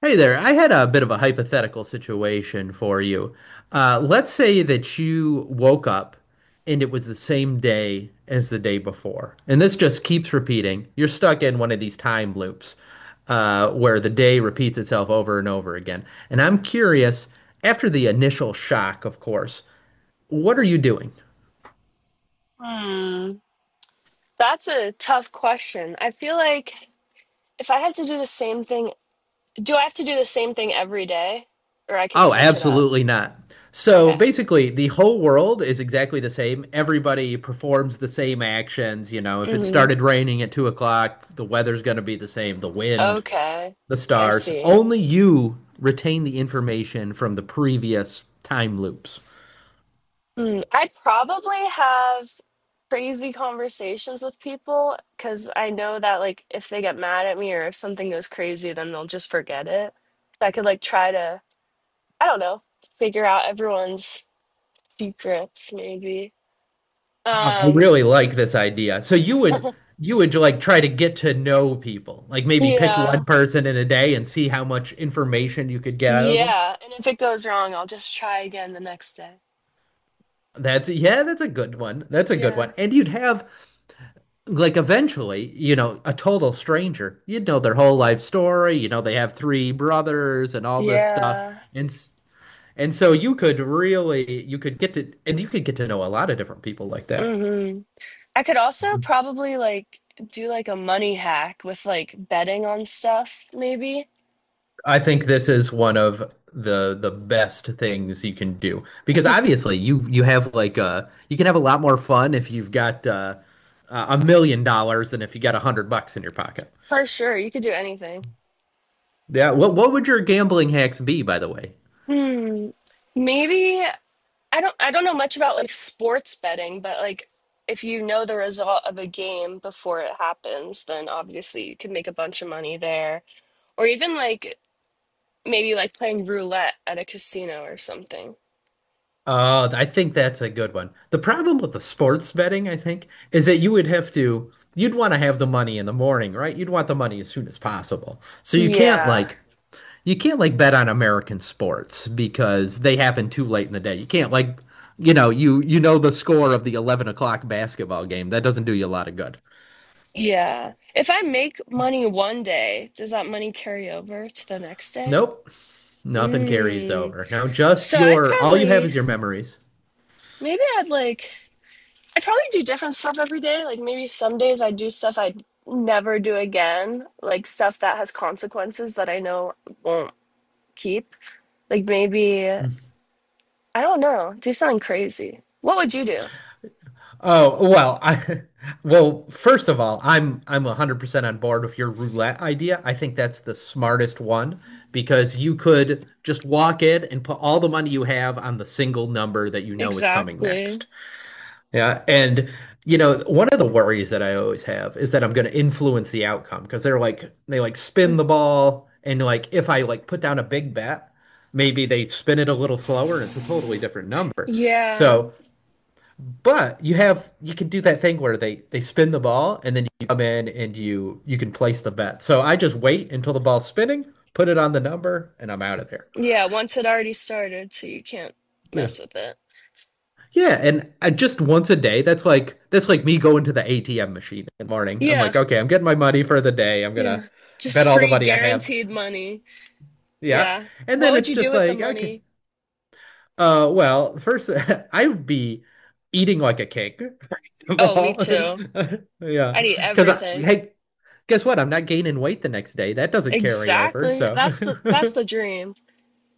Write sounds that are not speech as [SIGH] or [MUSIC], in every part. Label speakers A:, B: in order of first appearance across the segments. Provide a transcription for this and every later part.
A: Hey there. I had a bit of a hypothetical situation for you. Let's say that you woke up and it was the same day as the day before. And this just keeps repeating. You're stuck in one of these time loops where the day repeats itself over and over again. And I'm curious, after the initial shock, of course, what are you doing?
B: Hmm, that's a tough question. I feel like if I had to do the same thing, do I have to do the same thing every day or I can
A: Oh,
B: switch it up?
A: absolutely not. So
B: Okay.
A: basically, the whole world is exactly the same. Everybody performs the same actions. You know, if it
B: Hmm.
A: started raining at 2:00, the weather's going to be the same, the wind,
B: Okay.
A: the
B: I
A: stars.
B: see.
A: Only you retain the information from the previous time loops.
B: Hmm. I'd probably have crazy conversations with people because I know that like if they get mad at me or if something goes crazy, then they'll just forget it. So I could like try to, I don't know, figure out everyone's secrets maybe.
A: I
B: Um,
A: really like this idea. So you would like try to get to know people. Like maybe pick
B: yeah.
A: one person in a day and see how much information you could get out of them.
B: Yeah, and if it goes wrong, I'll just try again the next day.
A: That's yeah, that's a good one. That's a good one.
B: Yeah.
A: And you'd have like eventually, you know, a total stranger, you know their whole
B: Yeah.
A: life story, you know they have three brothers and all this stuff.
B: Yeah.
A: And and so you could really you could get to and you could get to know a lot of different people like that.
B: Hmm. I could also
A: Mhm.
B: probably like do like a money hack with like betting on stuff, maybe.
A: I think this is one of the best things you can do because obviously you have like a you can have a lot more fun if you've got $1 million than if you got 100 bucks in your pocket.
B: For sure, you could do anything.
A: Yeah, what would your gambling hacks be, by the way?
B: Hmm. Maybe I don't know much about like sports betting, but like if you know the result of a game before it happens, then obviously you could make a bunch of money there. Or even like maybe like playing roulette at a casino or something.
A: Oh, I think that's a good one. The problem with the sports betting, I think, is that you would have to, you'd want to have the money in the morning, right? You'd want the money as soon as possible. So
B: Yeah.
A: you can't like bet on American sports because they happen too late in the day. You can't like, you know, you know the score of the 11 o'clock basketball game. That doesn't do you a lot of good.
B: Yeah. If I make money one day, does that money carry over to the next day?
A: Nope. Nothing carries
B: Mm.
A: over. Now, just
B: So I'd
A: your, all you have
B: probably,
A: is your memories.
B: maybe I'd like, I'd probably do different stuff every day. Like maybe some days I do stuff I'd never do again, like stuff that has consequences that I know won't keep. Like maybe, I don't know, do something crazy. What would you do?
A: Oh, well, I, [LAUGHS] well, first of all, I'm 100% on board with your roulette idea. I think that's the smartest one because you could just walk in and put all the money you have on the single number that you know is coming
B: Exactly.
A: next. Yeah, and you know, one of the worries that I always have is that I'm going to influence the outcome because they're like they like spin the ball and like if I like put down a big bet, maybe they spin it a little slower and it's a totally different number.
B: Yeah.
A: So, but you have you can do that thing where they spin the ball and then you come in and you can place the bet. So I just wait until the ball's spinning, put it on the number, and I'm out of there.
B: Yeah. Once it already started, so you can't
A: Yeah.
B: mess with it.
A: Yeah, and I just once a day, that's like me going to the ATM machine in the morning. I'm
B: Yeah.
A: like, okay, I'm getting my money for the day. I'm
B: Yeah.
A: gonna
B: Just
A: bet all the
B: free
A: money I have.
B: guaranteed money.
A: Yeah.
B: Yeah.
A: And
B: What
A: then
B: would
A: it's
B: you do
A: just
B: with the
A: like, okay,
B: money?
A: well, first [LAUGHS] I'd be eating like a king. [LAUGHS] of
B: Oh, me
A: all.
B: too.
A: [LAUGHS] Yeah.
B: I need
A: Because I,
B: everything.
A: hey, guess what? I'm not gaining weight the next day. That doesn't carry over.
B: Exactly.
A: So
B: That's the dream.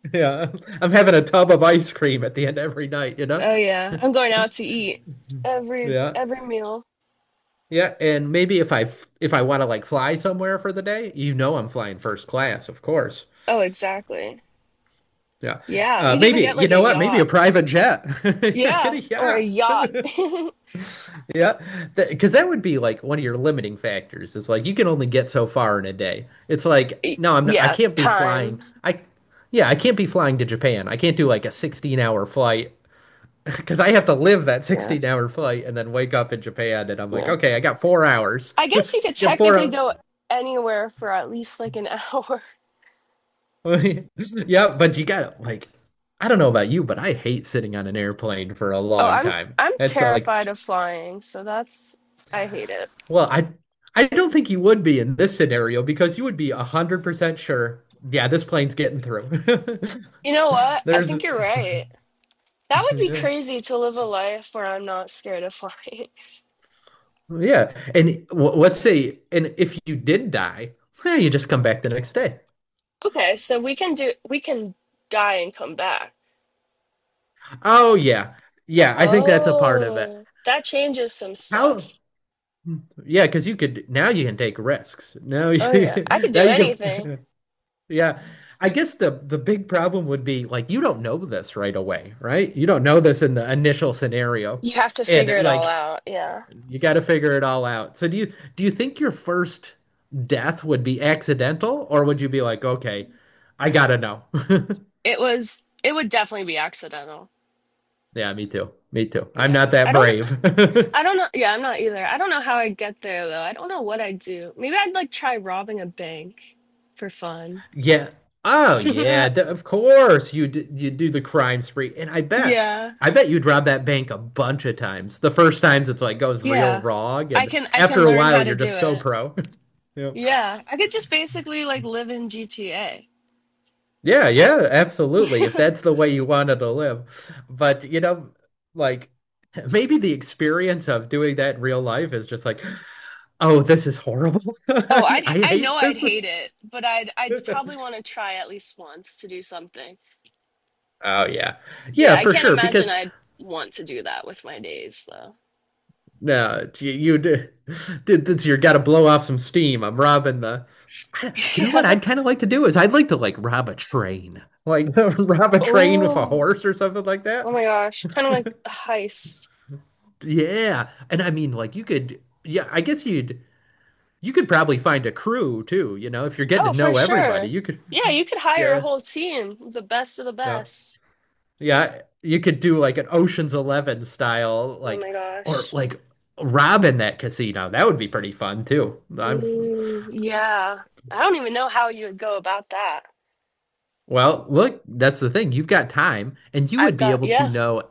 A: [LAUGHS] yeah, I'm having a tub of ice cream at the end of every night, you know?
B: Oh yeah. I'm going out to eat every
A: Yeah.
B: every meal.
A: Yeah, and maybe if if I want to like fly somewhere for the day, you know I'm flying first class, of course.
B: Oh, exactly.
A: Yeah.
B: Yeah. You can even
A: Maybe
B: get
A: you
B: like a
A: know what? Maybe
B: yacht.
A: a private jet. [LAUGHS] Yeah, get
B: Yeah,
A: a
B: or a
A: yacht. [LAUGHS]
B: yacht. [LAUGHS]
A: Yeah. Because that would be like one of your limiting factors. It's like you can only get so far in a day. It's like
B: Y-
A: no, I'm not, I
B: Yeah,
A: can't be
B: time.
A: flying. I yeah, I can't be flying to Japan. I can't do like a 16-hour flight [LAUGHS] because I have to live that
B: Yeah.
A: 16-hour flight and then wake up in Japan and I'm like,
B: Yeah.
A: "Okay, I got 4 hours."
B: I
A: [LAUGHS] I
B: guess you could
A: got 4
B: technically
A: hours.
B: go anywhere for at least like an [LAUGHS] hour.
A: [LAUGHS] Yeah, but you gotta like, I don't know about you, but I hate sitting on an airplane for a
B: Oh,
A: long
B: I'm
A: time.
B: I'm
A: It's
B: terrified
A: like,
B: of flying, so that's I hate it.
A: well, I don't think you would be in this scenario because you would be 100% sure, yeah, this plane's getting through.
B: You know what?
A: [LAUGHS]
B: I
A: There's,
B: think you're right. That would be
A: yeah,
B: crazy to live a life where I'm not scared of flying. [LAUGHS]
A: and w let's say, and if you did die, eh, you just come back the next day.
B: Okay, so we can die and come back.
A: Oh yeah, yeah, I think that's a part of it.
B: Oh, that changes some
A: How?
B: stuff.
A: Yeah, because you could now you can take risks. Now
B: Oh yeah, I
A: you
B: could
A: [LAUGHS] now
B: do
A: you
B: anything.
A: can. Yeah. I guess the big problem would be like you don't know this right away, right? You don't know this in the initial scenario.
B: You have to
A: And
B: figure it all
A: like
B: out. Yeah.
A: you got to figure it all out. So do you think your first death would be accidental or would you be like, "Okay, I got to know." [LAUGHS]
B: It would definitely be accidental.
A: Yeah, me too. Me too. I'm not
B: Yeah.
A: that
B: I don't
A: brave. [LAUGHS]
B: I don't know. Yeah, I'm not either. I don't know how I get there though. I don't know what I'd do. Maybe I'd like try robbing a bank for fun.
A: Yeah. Oh, yeah.
B: [LAUGHS]
A: Of course you do the crime spree, and
B: Yeah.
A: I bet you'd rob that bank a bunch of times. The first times it's like goes real
B: Yeah.
A: wrong,
B: I
A: and
B: can I can
A: after a
B: learn
A: while
B: how to
A: you're
B: do
A: just so
B: it.
A: pro. [LAUGHS] Yep.
B: Yeah. I could just basically like live in GTA.
A: Yeah, yeah, absolutely. If that's the way you wanted to live, but you know, like maybe the experience of doing that in real life is just like, oh, this is horrible. [LAUGHS]
B: Oh, I'd
A: I
B: I know
A: hate
B: I'd
A: this.
B: hate it, but I'd probably
A: [LAUGHS]
B: want to try at least once to do something.
A: Oh yeah.
B: But
A: Yeah,
B: yeah, I
A: for
B: can't
A: sure.
B: imagine
A: Because
B: I'd want to do that with my days though.
A: no, you did. This, you got to blow off some steam. I'm robbing the. I,
B: [LAUGHS]
A: you know what?
B: Yeah.
A: I'd kind of like to do is I'd like to like rob a train, like [LAUGHS] rob a train with a
B: Oh.
A: horse or something like
B: Oh my
A: that.
B: gosh. Kind of like a heist.
A: Yeah, and I mean, like you could. Yeah, I guess you'd. You could probably find a crew too. You know, if you're getting
B: Oh,
A: to
B: for
A: know everybody,
B: sure.
A: you could.
B: Yeah, you could hire a
A: Yeah.
B: whole team, the best of the
A: Yeah.
B: best.
A: Yeah. You could do like an Ocean's Eleven style,
B: Oh
A: like
B: my
A: or
B: gosh.
A: like robbing that casino. That would be pretty fun too. I've
B: Mm, yeah. I don't even know how you would go about that.
A: well, look, that's the thing. You've got time, and you
B: I've
A: would be
B: got,
A: able to
B: yeah.
A: know.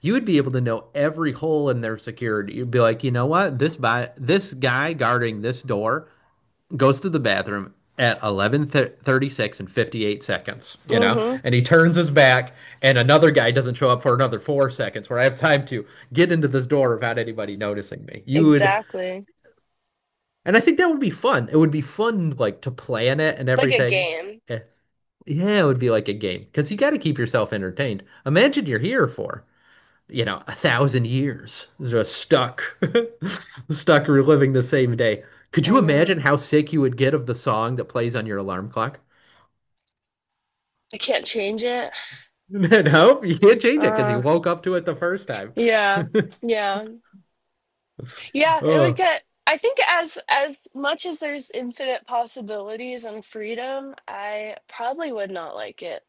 A: You would be able to know every hole in their security. You'd be like, you know what? This by this guy guarding this door goes to the bathroom at 11:36 and 58 seconds, you know?
B: Mm-hmm.
A: And he turns his back and another guy doesn't show up for another 4 seconds where I have time to get into this door without anybody noticing me. You would
B: Exactly.
A: and I think that would be fun. It would be fun like to plan it and
B: Like a
A: everything.
B: game.
A: eh, yeah, it would be like a game because you got to keep yourself entertained. Imagine you're here for, you know, a thousand years, just stuck, [LAUGHS] stuck reliving the same day. Could
B: I
A: you imagine
B: know.
A: how sick you would get of the song that plays on your alarm clock?
B: I can't change it.
A: [LAUGHS] No, you can't change it because you
B: Uh,
A: woke up to it the first time.
B: yeah. Yeah. Yeah, it would
A: Oh,
B: get I think as much as there's infinite possibilities and freedom, I probably would not like it.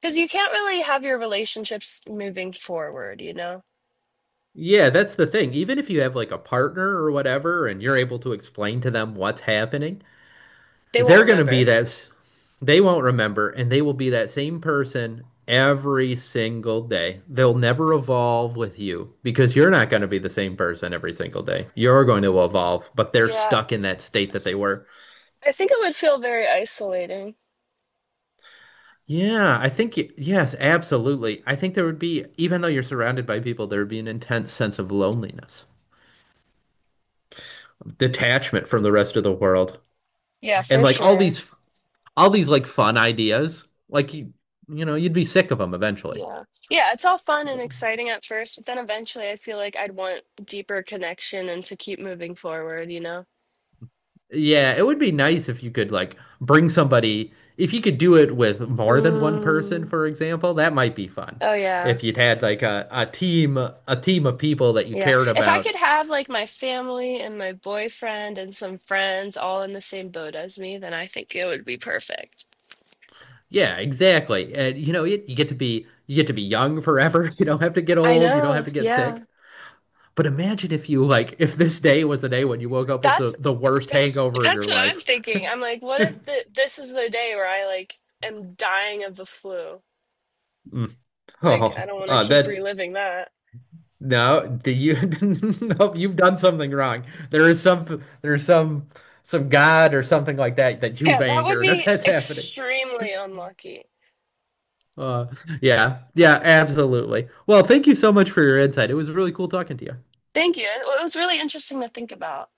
B: Because you can't really have your relationships moving forward, you know?
A: yeah, that's the thing. Even if you have like a partner or whatever, and you're able to explain to them what's happening,
B: They won't
A: they're going to be
B: remember.
A: that they won't remember, and they will be that same person every single day. They'll never evolve with you because you're not going to be the same person every single day. You're going to evolve, but they're
B: Yeah.
A: stuck in that state that they were.
B: I think it would feel very isolating.
A: Yeah, I think, yes, absolutely. I think there would be, even though you're surrounded by people, there would be an intense sense of loneliness, detachment from the rest of the world,
B: Yeah,
A: and
B: for
A: like
B: sure.
A: all these like fun ideas, like you know you'd be sick of them eventually.
B: Yeah. Yeah, it's all fun and exciting at first, but then eventually I feel like I'd want deeper connection and to keep moving forward, you know?
A: Yeah, it would be nice if you could like bring somebody, if you could do it with more than one person,
B: Mm.
A: for example, that might be fun.
B: Oh, yeah.
A: If you'd had like a team, a team of people that you
B: Yeah.
A: cared
B: If I
A: about.
B: could have like my family and my boyfriend and some friends all in the same boat as me, then I think it would be perfect.
A: Yeah, exactly. And you know, you get to be you get to be young forever. [LAUGHS] You don't have to get
B: I
A: old, you don't have
B: know.
A: to get
B: Yeah.
A: sick. But imagine if you like if this day was the day when you woke up with
B: That's
A: the worst
B: that's
A: hangover of
B: that's
A: your
B: what I'm
A: life. [LAUGHS]
B: thinking. I'm like, what if the, this is the day where I like am dying of the flu?
A: Mm.
B: Like, I
A: Oh,
B: don't want to keep
A: that
B: reliving that. [LAUGHS]
A: no, do you? [LAUGHS] Nope, you've done something wrong. There is some, there's some God or something like that that you've
B: Yeah, that would
A: angered. [LAUGHS]
B: be
A: That's happening.
B: extremely unlucky.
A: Uh, yeah, yeah, absolutely. Well, thank you so much for your insight. It was really cool talking to you.
B: Thank you. It was really interesting to think about.